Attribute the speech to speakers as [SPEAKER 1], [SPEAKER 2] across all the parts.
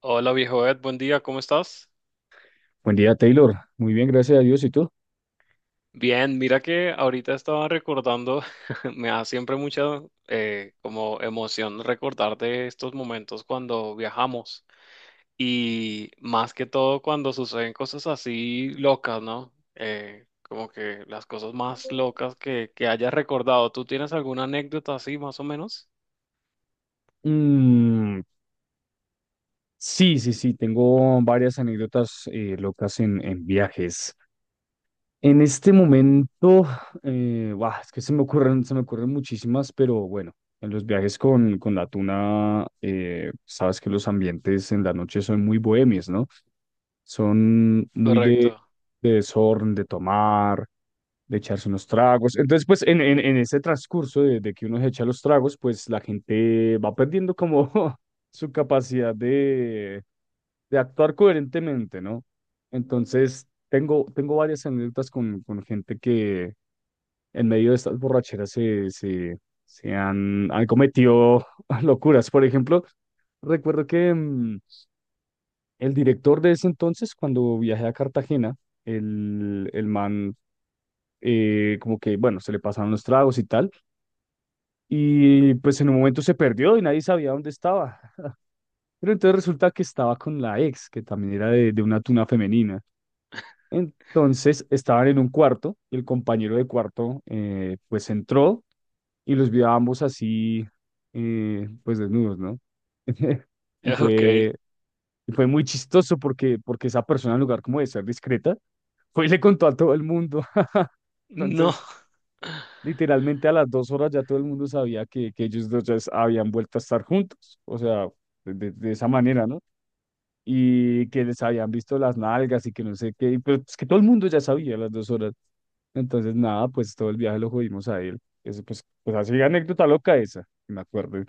[SPEAKER 1] Hola viejo Ed, buen día, ¿cómo estás?
[SPEAKER 2] Buen día, Taylor. Muy bien, gracias a Dios. ¿Y tú?
[SPEAKER 1] Bien, mira que ahorita estaba recordando, me da siempre mucha como emoción recordar de estos momentos cuando viajamos y más que todo cuando suceden cosas así locas, ¿no? Como que las cosas más locas que hayas recordado. ¿Tú tienes alguna anécdota así más o menos?
[SPEAKER 2] Mm, sí. Tengo varias anécdotas locas en viajes. En este momento, buah, es que se me ocurren muchísimas, pero bueno, en los viajes con la tuna, sabes que los ambientes en la noche son muy bohemios, ¿no? Son muy de,
[SPEAKER 1] Correcto.
[SPEAKER 2] de desorden, de tomar, de echarse unos tragos. Entonces, pues en ese transcurso de que uno se echa los tragos, pues la gente va perdiendo como su capacidad de actuar coherentemente, ¿no? Entonces, tengo varias anécdotas con gente que en medio de estas borracheras se han cometido locuras. Por ejemplo, recuerdo que el director de ese entonces, cuando viajé a Cartagena, el man como que, bueno, se le pasaron los tragos y tal, y pues en un momento se perdió y nadie sabía dónde estaba. Pero entonces resulta que estaba con la ex, que también era de una tuna femenina. Entonces estaban en un cuarto y el compañero de cuarto pues entró y los vio a ambos así, pues desnudos, ¿no? Y
[SPEAKER 1] Ok.
[SPEAKER 2] fue, y fue muy chistoso porque, porque esa persona, en lugar como de ser discreta, fue y le contó a todo el mundo.
[SPEAKER 1] No.
[SPEAKER 2] Entonces, literalmente a las dos horas ya todo el mundo sabía que ellos dos ya habían vuelto a estar juntos, o sea, de esa manera, ¿no? Y que les habían visto las nalgas y que no sé qué, y pues, pues que todo el mundo ya sabía a las dos horas. Entonces, nada, pues todo el viaje lo jodimos a él. Eso, pues, pues así anécdota loca esa, que me acuerdo.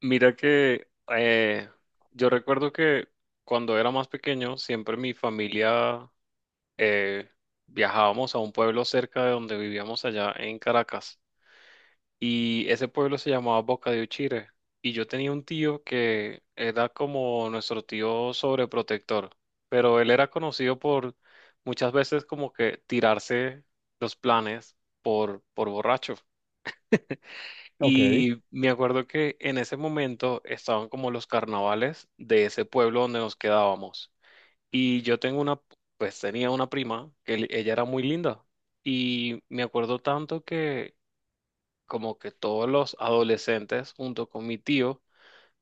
[SPEAKER 1] Mira que yo recuerdo que cuando era más pequeño, siempre mi familia eh, viajábamos a un pueblo cerca de donde vivíamos allá en Caracas. Y ese pueblo se llamaba Boca de Uchire. Y yo tenía un tío que era como nuestro tío sobreprotector, pero él era conocido por muchas veces como que tirarse los planes por borracho.
[SPEAKER 2] Ok. ¿Eh?
[SPEAKER 1] Y me acuerdo que en ese momento estaban como los carnavales de ese pueblo donde nos quedábamos. Y yo tengo una, pues tenía una prima que ella era muy linda. Y me acuerdo tanto que como que todos los adolescentes junto con mi tío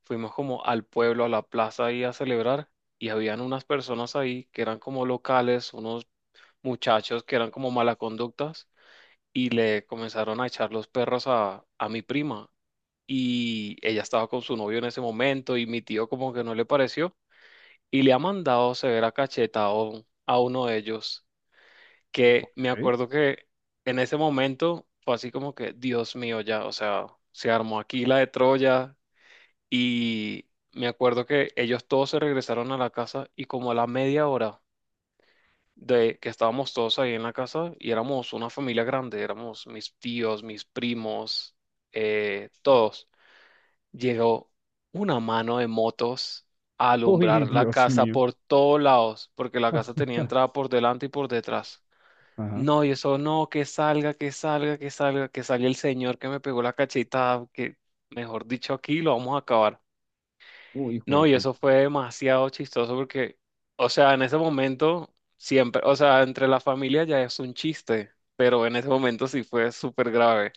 [SPEAKER 1] fuimos como al pueblo, a la plaza ahí a celebrar. Y habían unas personas ahí que eran como locales, unos muchachos que eran como mala conductas y le comenzaron a echar los perros a mi prima y ella estaba con su novio en ese momento y mi tío como que no le pareció y le ha mandado severa cacheta a, a uno de ellos que me acuerdo que en ese momento fue así como que Dios mío ya, o sea, se armó aquí la de Troya y me acuerdo que ellos todos se regresaron a la casa y como a la media hora de que estábamos todos ahí en la casa y éramos una familia grande, éramos mis tíos, mis primos, todos llegó una mano de motos a
[SPEAKER 2] Uy,
[SPEAKER 1] alumbrar la
[SPEAKER 2] Dios
[SPEAKER 1] casa
[SPEAKER 2] mío.
[SPEAKER 1] por todos lados, porque la casa tenía entrada por delante y por detrás.
[SPEAKER 2] Ajá.
[SPEAKER 1] No, y eso no, que salga, que salga, que salga, que salga el señor que me pegó la cachetada, que mejor dicho, aquí lo vamos a acabar.
[SPEAKER 2] Uy, hijo de
[SPEAKER 1] No, y
[SPEAKER 2] puta.
[SPEAKER 1] eso fue demasiado chistoso porque, o sea, en ese momento, siempre, o sea, entre la familia ya es un chiste, pero en ese momento sí fue súper grave.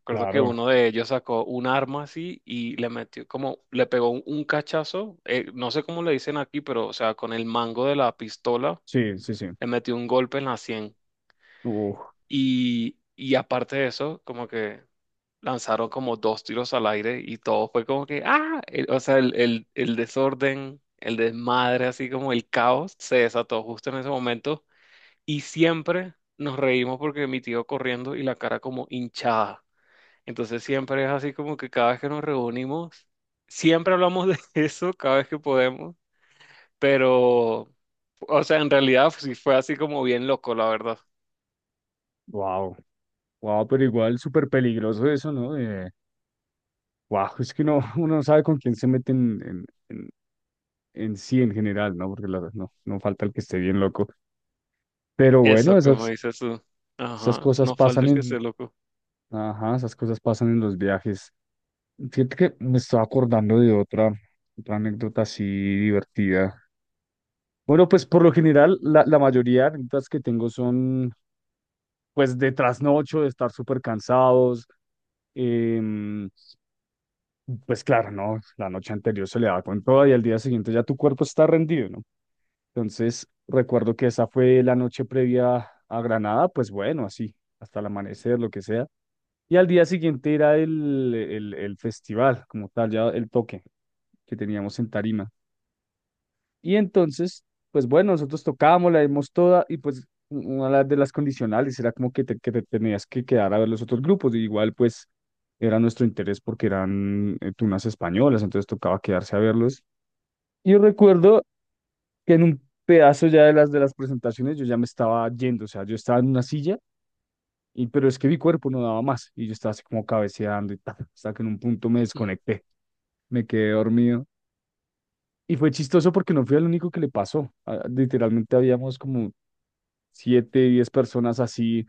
[SPEAKER 1] Recuerdo que
[SPEAKER 2] Claro,
[SPEAKER 1] uno de ellos sacó un arma así y le metió como, le pegó un cachazo, no sé cómo le dicen aquí, pero o sea, con el mango de la pistola
[SPEAKER 2] sí, sí, sí.
[SPEAKER 1] le metió un golpe en la sien.
[SPEAKER 2] Uf,
[SPEAKER 1] Y aparte de eso, como que lanzaron como dos tiros al aire y todo fue como que, ah, o sea, el desorden, el desmadre, así como el caos se desató justo en ese momento. Y siempre nos reímos porque mi tío corriendo y la cara como hinchada. Entonces siempre es así como que cada vez que nos reunimos, siempre hablamos de eso cada vez que podemos, pero, o sea, en realidad pues, sí fue así como bien loco, la verdad.
[SPEAKER 2] wow, wow, pero igual súper peligroso eso, ¿no? Wow, es que no uno no sabe con quién se mete en sí en general, ¿no? Porque no, no falta el que esté bien loco. Pero bueno,
[SPEAKER 1] Eso, como dices tú.
[SPEAKER 2] esas
[SPEAKER 1] Ajá,
[SPEAKER 2] cosas
[SPEAKER 1] no falta
[SPEAKER 2] pasan
[SPEAKER 1] el que esté
[SPEAKER 2] en,
[SPEAKER 1] loco.
[SPEAKER 2] ajá, esas cosas pasan en los viajes. Fíjate que me estaba acordando de otra, otra anécdota así divertida. Bueno, pues por lo general, la mayoría de anécdotas que tengo son, pues, de trasnocho, de estar súper cansados. em, pues claro, ¿no? La noche anterior se le da con todo y al día siguiente ya tu cuerpo está rendido, ¿no? Entonces, recuerdo que esa fue la noche previa a Granada, pues bueno, así, hasta el amanecer, lo que sea. Y al día siguiente era el festival, como tal, ya el toque que teníamos en Tarima. Y entonces, pues bueno, nosotros tocábamos, la dimos toda y pues una de las condicionales era como que que te tenías que quedar a ver los otros grupos. Y igual, pues era nuestro interés porque eran tunas españolas, entonces tocaba quedarse a verlos. Y recuerdo que en un pedazo ya de las presentaciones yo ya me estaba yendo, o sea, yo estaba en una silla, y, pero es que mi cuerpo no daba más y yo estaba así como cabeceando y tal, hasta que en un punto me desconecté, me quedé dormido. Y fue chistoso porque no fui el único que le pasó. Literalmente habíamos como siete, diez personas así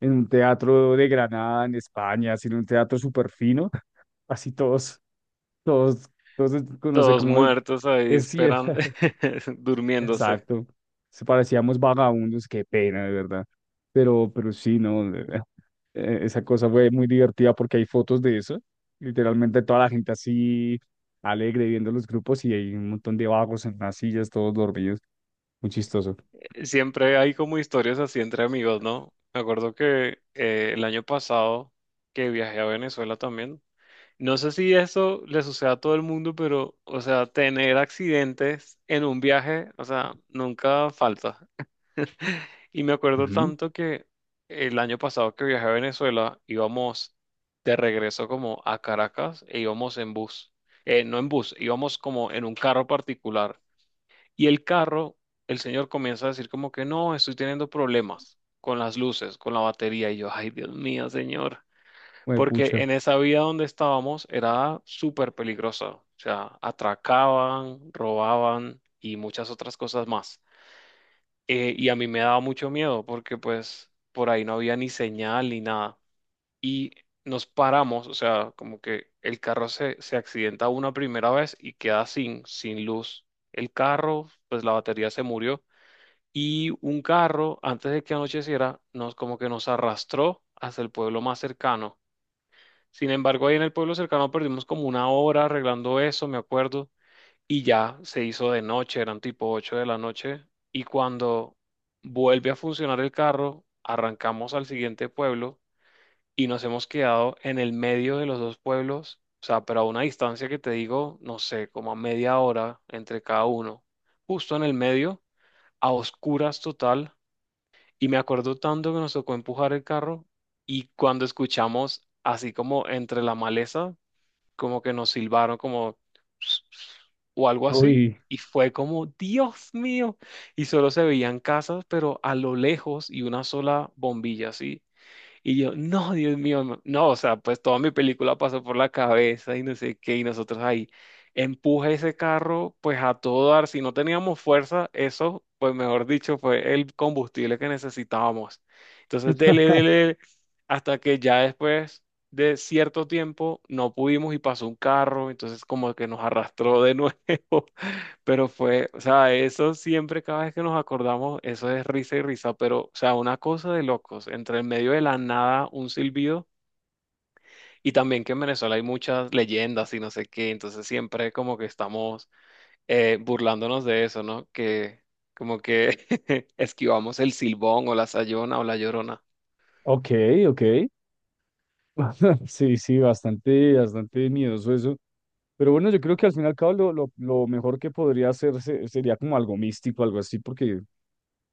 [SPEAKER 2] en un teatro de Granada, en España, así en un teatro súper fino, así todos, todos, no sé
[SPEAKER 1] Todos
[SPEAKER 2] cómo
[SPEAKER 1] muertos ahí
[SPEAKER 2] es,
[SPEAKER 1] esperando, durmiéndose.
[SPEAKER 2] exacto. Se parecíamos vagabundos, qué pena, de verdad. Pero sí, no. Esa cosa fue muy divertida porque hay fotos de eso. Literalmente toda la gente así alegre viendo los grupos y hay un montón de vagos en las sillas, todos dormidos. Muy chistoso.
[SPEAKER 1] Siempre hay como historias así entre amigos, ¿no? Me acuerdo que el año pasado que viajé a Venezuela también. No sé si eso le sucede a todo el mundo, pero, o sea, tener accidentes en un viaje, o sea, nunca falta. Y me acuerdo
[SPEAKER 2] Ujú.
[SPEAKER 1] tanto que el año pasado que viajé a Venezuela, íbamos de regreso como a Caracas e íbamos en bus. No en bus, íbamos como en un carro particular. Y el carro, el señor comienza a decir como que no, estoy teniendo problemas con las luces, con la batería. Y yo, ay, Dios mío, señor.
[SPEAKER 2] Hue
[SPEAKER 1] Porque
[SPEAKER 2] pucha.
[SPEAKER 1] en esa vía donde estábamos era súper peligrosa. O sea, atracaban, robaban y muchas otras cosas más. Y a mí me daba mucho miedo porque pues por ahí no había ni señal ni nada. Y nos paramos, o sea, como que el carro se accidenta una primera vez y queda sin luz. El carro, pues la batería se murió. Y un carro, antes de que anocheciera, nos como que nos arrastró hasta el pueblo más cercano. Sin embargo, ahí en el pueblo cercano perdimos como una hora arreglando eso, me acuerdo, y ya se hizo de noche, eran tipo 8 de la noche, y cuando vuelve a funcionar el carro, arrancamos al siguiente pueblo y nos hemos quedado en el medio de los dos pueblos, o sea, pero a una distancia que te digo, no sé, como a media hora entre cada uno, justo en el medio, a oscuras total, y me acuerdo tanto que nos tocó empujar el carro y cuando escuchamos así como entre la maleza, como que nos silbaron como o algo así.
[SPEAKER 2] Uy.
[SPEAKER 1] Y fue como, Dios mío. Y solo se veían casas, pero a lo lejos y una sola bombilla, así. Y yo, no, Dios mío, no, no", o sea, pues toda mi película pasó por la cabeza y no sé qué, y nosotros ahí, empuje ese carro, pues a todo dar, si no teníamos fuerza, eso, pues mejor dicho, fue el combustible que necesitábamos. Entonces, dele, dele, dele, hasta que ya después de cierto tiempo no pudimos y pasó un carro, entonces como que nos arrastró de nuevo. Pero fue, o sea, eso siempre, cada vez que nos acordamos, eso es risa y risa, pero, o sea, una cosa de locos, entre el medio de la nada, un silbido, y también que en Venezuela hay muchas leyendas y no sé qué, entonces siempre como que estamos burlándonos de eso, ¿no? Que como que esquivamos el silbón o la sayona o la llorona.
[SPEAKER 2] Ok, ok. Sí, sí, bastante, bastante miedoso eso. Pero bueno, yo creo que al fin y al cabo lo mejor que podría hacer sería como algo místico, algo así. Porque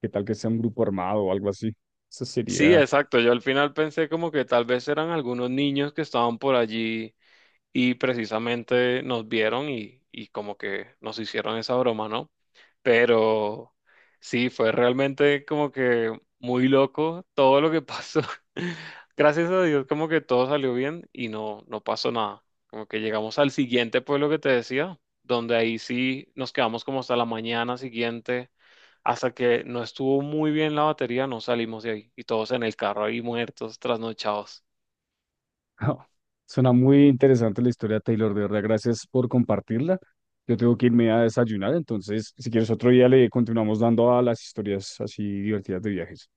[SPEAKER 2] ¿qué tal que sea un grupo armado o algo así? Eso
[SPEAKER 1] Sí,
[SPEAKER 2] sería...
[SPEAKER 1] exacto, yo al final pensé como que tal vez eran algunos niños que estaban por allí y precisamente nos vieron y como que nos hicieron esa broma, ¿no? Pero sí, fue realmente como que muy loco todo lo que pasó. Gracias a Dios, como que todo salió bien y no, no pasó nada. Como que llegamos al siguiente pueblo que te decía, donde ahí sí nos quedamos como hasta la mañana siguiente, hasta que no estuvo muy bien la batería, no salimos de ahí y todos en el carro ahí muertos, trasnochados.
[SPEAKER 2] Suena muy interesante la historia, Taylor. De verdad, gracias por compartirla. Yo tengo que irme a desayunar, entonces, si quieres otro día le continuamos dando a las historias así divertidas de viajes.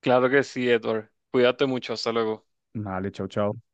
[SPEAKER 1] Claro que sí, Edward. Cuídate mucho, hasta luego.
[SPEAKER 2] Vale, chao, chao.